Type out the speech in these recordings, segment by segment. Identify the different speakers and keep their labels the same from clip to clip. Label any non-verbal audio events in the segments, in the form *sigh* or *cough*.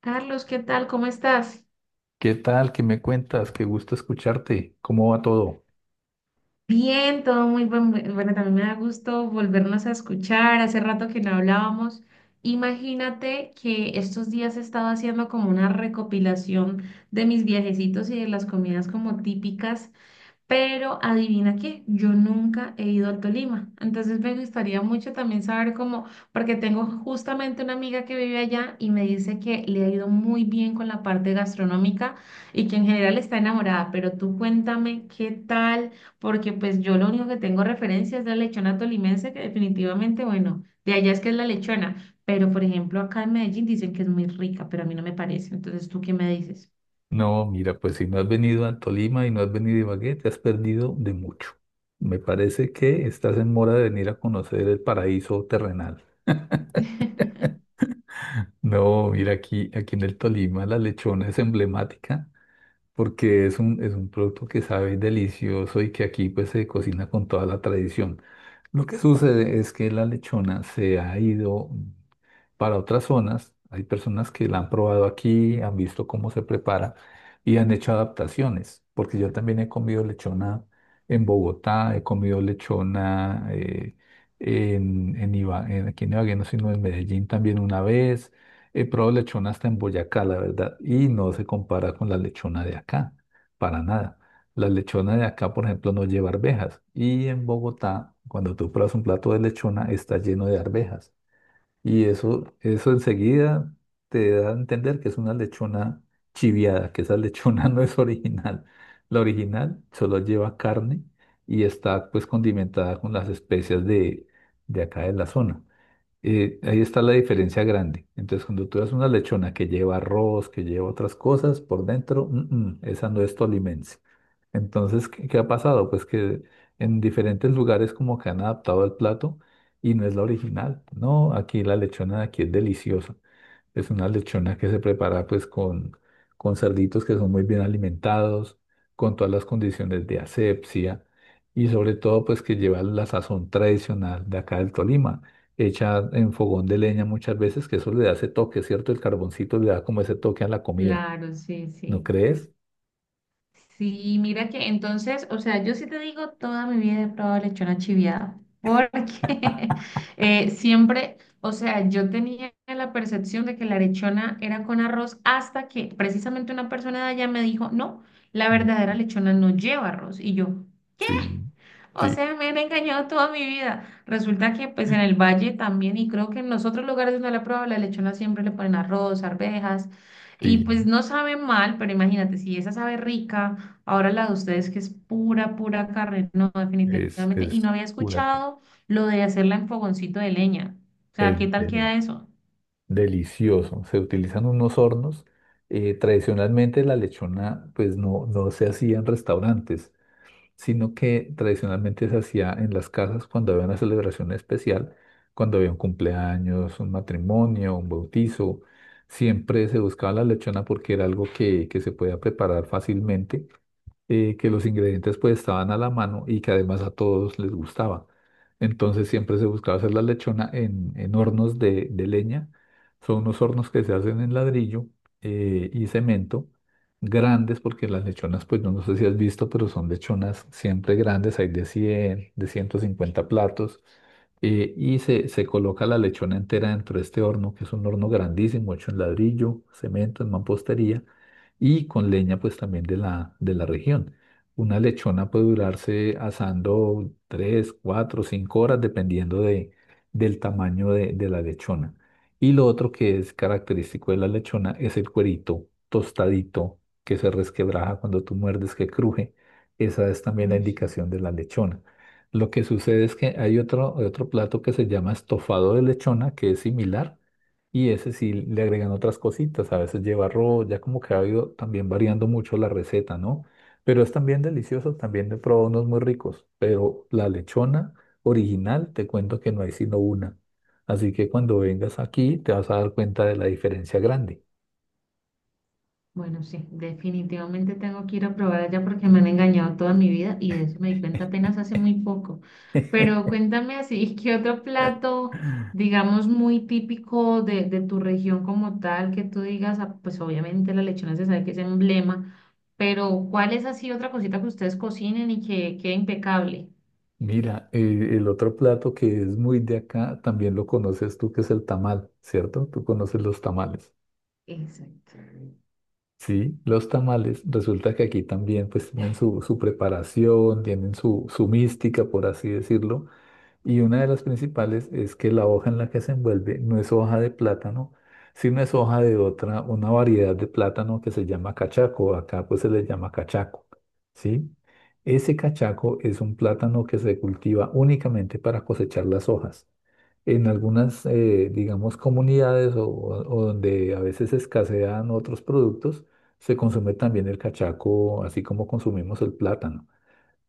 Speaker 1: Carlos, ¿qué tal? ¿Cómo estás?
Speaker 2: ¿Qué tal? ¿Qué me cuentas? Qué gusto escucharte. ¿Cómo va todo?
Speaker 1: Bien, todo muy bueno, también me da gusto volvernos a escuchar. Hace rato que no hablábamos. Imagínate que estos días he estado haciendo como una recopilación de mis viajecitos y de las comidas como típicas. Pero adivina qué, yo nunca he ido al Tolima. Entonces me gustaría mucho también saber cómo, porque tengo justamente una amiga que vive allá y me dice que le ha ido muy bien con la parte gastronómica y que en general está enamorada. Pero tú cuéntame qué tal, porque pues yo lo único que tengo referencia es la lechona tolimense, que definitivamente, bueno, de allá es que es la lechona. Pero por ejemplo, acá en Medellín dicen que es muy rica, pero a mí no me parece. Entonces, ¿tú qué me dices?
Speaker 2: No, mira, pues si no has venido a Tolima y no has venido a Ibagué, te has perdido de mucho. Me parece que estás en mora de venir a conocer el paraíso terrenal.
Speaker 1: *laughs*
Speaker 2: No, mira, aquí en el Tolima la lechona es emblemática porque es un producto que sabe delicioso y que aquí pues se cocina con toda la tradición. Lo que sucede es que la lechona se ha ido para otras zonas. Hay personas que la han probado aquí, han visto cómo se prepara y han hecho adaptaciones, porque yo también he comido lechona en Bogotá, he comido lechona aquí en Ibagué, no, sino en Medellín también una vez. He probado lechona hasta en Boyacá, la verdad, y no se compara con la lechona de acá, para nada. La lechona de acá, por ejemplo, no lleva arvejas. Y en Bogotá, cuando tú pruebas un plato de lechona, está lleno de arvejas. Y eso enseguida te da a entender que es una lechona chiviada, que esa lechona *laughs* no es original. La original solo lleva carne y está pues condimentada con las especias de acá de la zona. Ahí está la diferencia grande. Entonces, cuando tú das una lechona que lleva arroz, que lleva otras cosas por dentro, esa no es tolimense. Entonces, ¿qué ha pasado? Pues que en diferentes lugares como que han adaptado el plato y no es la original. No, aquí la lechona de aquí es deliciosa. Es una lechona que se prepara pues con cerditos que son muy bien alimentados, con todas las condiciones de asepsia y sobre todo pues que lleva la sazón tradicional de acá del Tolima, hecha en fogón de leña muchas veces, que eso le da ese toque, ¿cierto? El carboncito le da como ese toque a la comida,
Speaker 1: Claro, sí,
Speaker 2: ¿no
Speaker 1: sí.
Speaker 2: crees?
Speaker 1: Sí, mira que entonces, o sea, yo sí te digo, toda mi vida he probado lechona chiviada, porque *laughs* siempre, o sea, yo tenía la percepción de que la lechona era con arroz hasta que precisamente una persona de allá me dijo, no, la verdadera lechona no lleva arroz. Y yo,
Speaker 2: Sí,
Speaker 1: o
Speaker 2: sí,
Speaker 1: sea, me han engañado toda mi vida. Resulta que pues en el valle también y creo que en los otros lugares donde la prueba la lechona siempre le ponen arroz, arvejas y
Speaker 2: sí.
Speaker 1: pues no sabe mal, pero imagínate, si esa sabe rica, ahora la de ustedes que es pura, pura carne, no,
Speaker 2: Es,
Speaker 1: definitivamente. Y no
Speaker 2: es
Speaker 1: había
Speaker 2: una, ca-
Speaker 1: escuchado lo de hacerla en fogoncito de leña. O sea, ¿qué
Speaker 2: es
Speaker 1: tal queda
Speaker 2: delicioso.
Speaker 1: eso?
Speaker 2: Delicioso. Se utilizan unos hornos. Tradicionalmente la lechona pues no se hacía en restaurantes, sino que tradicionalmente se hacía en las casas cuando había una celebración especial, cuando había un cumpleaños, un matrimonio, un bautizo. Siempre se buscaba la lechona porque era algo que se podía preparar fácilmente, que los ingredientes pues estaban a la mano y que además a todos les gustaba. Entonces siempre se buscaba hacer la lechona en hornos de leña. Son unos hornos que se hacen en ladrillo y cemento, grandes porque las lechonas, pues no sé si has visto, pero son lechonas siempre grandes, hay de 100 de 150 platos. Y se coloca la lechona entera dentro de este horno, que es un horno grandísimo, hecho en ladrillo, cemento, en mampostería y con leña pues también de la región. Una lechona puede durarse asando 3 4 5 horas dependiendo del tamaño de la lechona. Y lo otro que es característico de la lechona es el cuerito tostadito que se resquebraja cuando tú muerdes, que cruje. Esa es también la
Speaker 1: Uy, sí.
Speaker 2: indicación de la lechona. Lo que sucede es que hay otro plato que se llama estofado de lechona, que es similar, y ese sí le agregan otras cositas, a veces lleva arroz, ya como que ha ido también variando mucho la receta, ¿no? Pero es también delicioso, también he probado unos muy ricos, pero la lechona original, te cuento que no hay sino una. Así que cuando vengas aquí te vas a dar cuenta de la diferencia grande.
Speaker 1: Bueno, sí, definitivamente tengo que ir a probar allá porque me han engañado toda mi vida y de eso me di cuenta apenas hace muy poco. Pero
Speaker 2: *laughs*
Speaker 1: cuéntame así, *laughs* ¿qué otro plato, digamos, muy típico de tu región como tal, que tú digas, ah, pues obviamente la lechona se sabe que es emblema, pero ¿cuál es así otra cosita que ustedes cocinen y que quede impecable?
Speaker 2: Mira, el otro plato que es muy de acá, también lo conoces tú, que es el tamal, ¿cierto? Tú conoces los tamales.
Speaker 1: Exacto.
Speaker 2: Sí, los tamales, resulta que aquí también pues tienen su preparación, tienen su mística, por así decirlo, y una de las principales es que la hoja en la que se envuelve no es hoja de plátano, sino es hoja de otra, una variedad de plátano que se llama cachaco, acá pues se le llama cachaco, ¿sí? Ese cachaco es un plátano que se cultiva únicamente para cosechar las hojas en algunas, digamos, comunidades o donde a veces escasean otros productos, se consume también el cachaco, así como consumimos el plátano.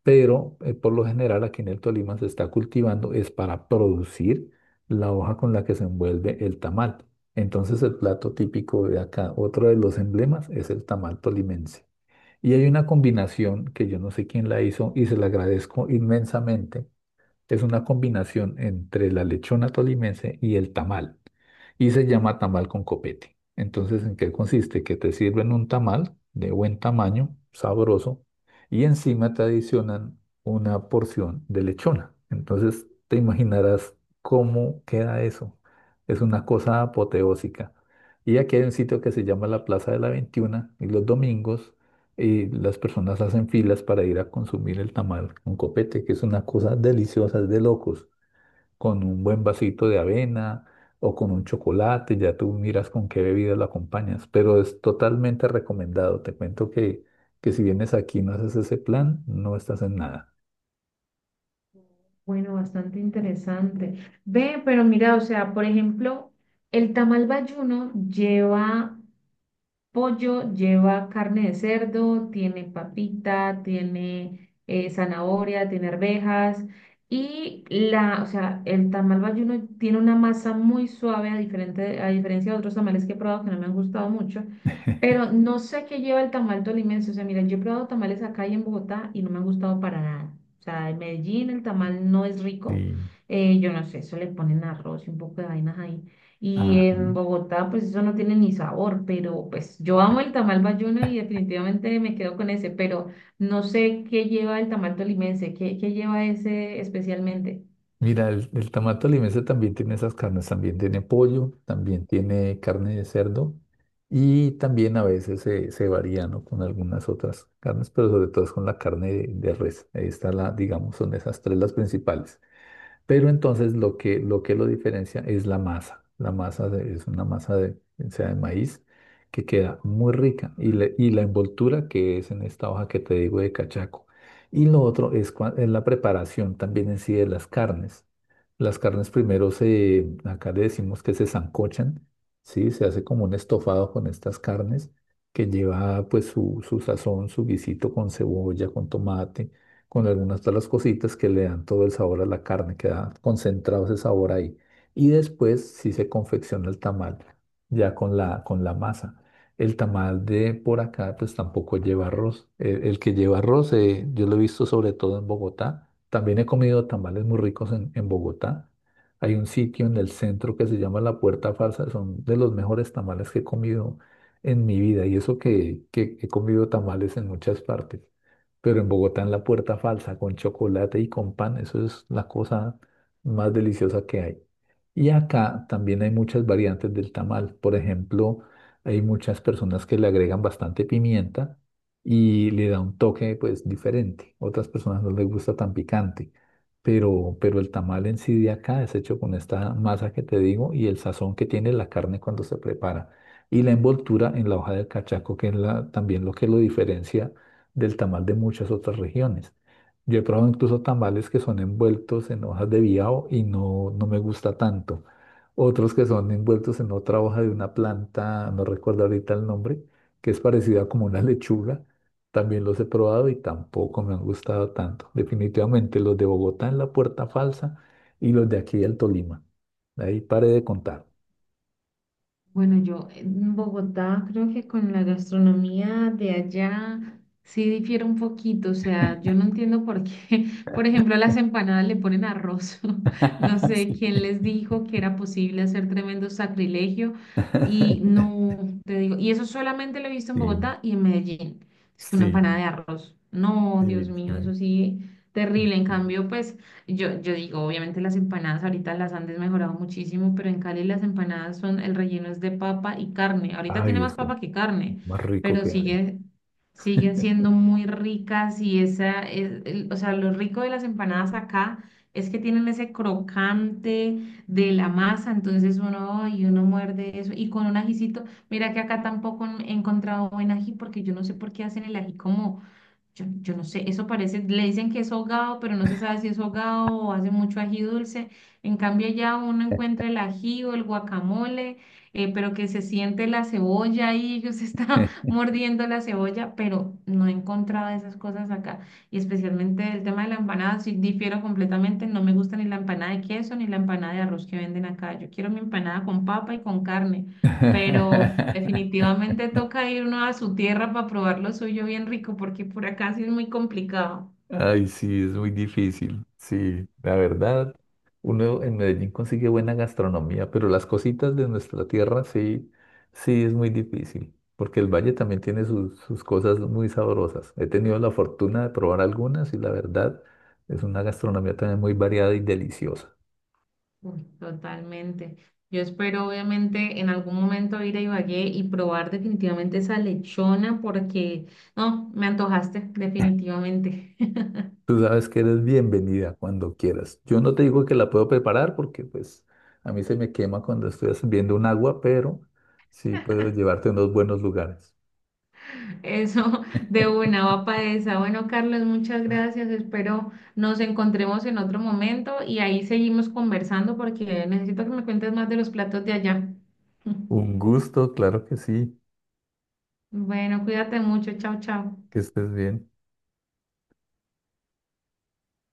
Speaker 2: Pero por lo general aquí en el Tolima se está cultivando, es para producir la hoja con la que se envuelve el tamal. Entonces el plato típico de acá, otro de los emblemas, es el tamal tolimense. Y hay una combinación que yo no sé quién la hizo y se la agradezco inmensamente, es una combinación entre la lechona tolimense y el tamal. Y se llama tamal con copete. Entonces, ¿en qué consiste? Que te sirven un tamal de buen tamaño, sabroso, y encima te adicionan una porción de lechona. Entonces, te imaginarás cómo queda eso. Es una cosa apoteósica. Y aquí hay un sitio que se llama la Plaza de la 21, y los domingos y las personas hacen filas para ir a consumir el tamal con copete, que es una cosa deliciosa, es de locos, con un buen vasito de avena o con un chocolate, ya tú miras con qué bebida lo acompañas, pero es totalmente recomendado. Te cuento que si vienes aquí y no haces ese plan, no estás en nada.
Speaker 1: Bueno, bastante interesante. Ve, pero mira, o sea, por ejemplo, el tamal bayuno lleva pollo, lleva carne de cerdo, tiene papita, tiene zanahoria, tiene arvejas y la, o sea, el tamal bayuno tiene una masa muy suave a diferente, a diferencia de otros tamales que he probado que no me han gustado mucho, pero no sé qué lleva el tamal tolimense, o sea, mira, yo he probado tamales acá y en Bogotá y no me han gustado para nada. O sea, en Medellín el tamal no es rico.
Speaker 2: Sí.
Speaker 1: Yo no sé, eso le ponen arroz y un poco de vainas ahí. Y
Speaker 2: Ah.
Speaker 1: en Bogotá, pues eso no tiene ni sabor, pero pues yo amo el tamal bayuno y definitivamente me quedo con ese, pero no sé qué lleva el tamal tolimense, qué lleva ese especialmente.
Speaker 2: Mira, el tamal tolimense también tiene esas carnes, también tiene pollo, también tiene carne de cerdo y también a veces se varía, ¿no?, con algunas otras carnes, pero sobre todo es con la carne de res. Ahí está la, digamos, son esas tres las principales. Pero entonces lo que lo diferencia es la masa. Es una masa de, o sea, de maíz que queda muy rica y la envoltura que es en esta hoja que te digo de cachaco. Y lo otro es la preparación también en sí de las carnes. Las carnes primero acá le decimos que se sancochan, ¿sí? Se hace como un estofado con estas carnes que lleva pues su sazón, su guisito con cebolla, con tomate, con algunas de las cositas que le dan todo el sabor a la carne, queda concentrado ese sabor ahí. Y después sí se confecciona el tamal, ya con la masa. El tamal de por acá, pues tampoco lleva arroz. El que lleva arroz, yo lo he visto sobre todo en Bogotá. También he comido tamales muy ricos en Bogotá. Hay un sitio en el centro que se llama La Puerta Falsa, son de los mejores tamales que he comido en mi vida. Y eso que he comido tamales en muchas partes. Pero en Bogotá, en la Puerta Falsa, con chocolate y con pan, eso es la cosa más deliciosa que hay. Y acá también hay muchas variantes del tamal. Por ejemplo, hay muchas personas que le agregan bastante pimienta y le da un toque pues diferente. Otras personas no les gusta tan picante. Pero el tamal en sí de acá es hecho con esta masa que te digo y el sazón que tiene la carne cuando se prepara. Y la envoltura en la hoja del cachaco, que también lo que lo diferencia del tamal de muchas otras regiones. Yo he probado incluso tamales que son envueltos en hojas de biao y no me gusta tanto. Otros que son envueltos en otra hoja de una planta, no recuerdo ahorita el nombre, que es parecida como una *laughs* lechuga. También los he probado y tampoco me han gustado tanto. Definitivamente los de Bogotá en la Puerta Falsa y los de aquí del Tolima. Ahí paré de contar.
Speaker 1: Bueno, yo en Bogotá creo que con la gastronomía de allá sí difiere un poquito, o sea, yo no entiendo por qué, *laughs* por ejemplo, a las empanadas le ponen arroz, *laughs* no
Speaker 2: *laughs*
Speaker 1: sé
Speaker 2: Sí,
Speaker 1: quién les dijo que era posible hacer tremendo sacrilegio y
Speaker 2: *laughs*
Speaker 1: no, te digo, y eso solamente lo he visto en Bogotá y en Medellín, es que una
Speaker 2: sí,
Speaker 1: empanada de arroz, no, Dios
Speaker 2: sí,
Speaker 1: mío,
Speaker 2: sí,
Speaker 1: eso sí, terrible, en
Speaker 2: sí.
Speaker 1: cambio, pues yo digo, obviamente las empanadas ahorita las han desmejorado muchísimo, pero en Cali las empanadas son, el relleno es de papa y carne. Ahorita tiene
Speaker 2: Ay,
Speaker 1: más
Speaker 2: eso
Speaker 1: papa que carne,
Speaker 2: más rico
Speaker 1: pero
Speaker 2: que hay.
Speaker 1: sigue, siguen siendo muy ricas y esa es, el- o sea, lo rico de las empanadas acá es que tienen ese crocante de la masa, entonces uno, y uno muerde eso y con un ajicito, mira que acá tampoco he encontrado buen ají porque yo no sé por qué hacen el ají como yo no sé, eso parece, le dicen que es hogado, pero no se sabe si es hogado o hace mucho ají dulce. En cambio, ya uno encuentra el ají o el guacamole, pero que se siente la cebolla y ellos están *laughs* mordiendo la cebolla, pero no he encontrado esas cosas acá. Y especialmente el tema de la empanada, sí difiero completamente, no me gusta ni la empanada de queso ni la empanada de arroz que venden acá. Yo quiero mi empanada con papa y con carne pero
Speaker 2: *laughs*
Speaker 1: definitivamente toca ir uno a su tierra para probar lo suyo bien rico, porque por acá sí es muy complicado.
Speaker 2: Ay, sí, es muy difícil. Sí, la verdad, uno en Medellín consigue buena gastronomía, pero las cositas de nuestra tierra sí, sí es muy difícil, porque el valle también tiene sus cosas muy sabrosas. He tenido la fortuna de probar algunas y la verdad es una gastronomía también muy variada y deliciosa.
Speaker 1: Uy, totalmente. Yo espero obviamente en algún momento ir a Ibagué y probar definitivamente esa lechona, porque no, me antojaste, definitivamente. *laughs*
Speaker 2: Tú sabes que eres bienvenida cuando quieras. Yo no te digo que la puedo preparar porque pues a mí se me quema cuando estoy sirviendo un agua, pero sí puedo llevarte a unos buenos lugares.
Speaker 1: Eso de una va para esa. Bueno, Carlos, muchas gracias. Espero nos encontremos en otro momento y ahí seguimos conversando porque necesito que me cuentes más de los platos de allá. *laughs*
Speaker 2: Un gusto, claro que sí,
Speaker 1: Bueno, cuídate mucho. Chao, chao.
Speaker 2: que estés bien.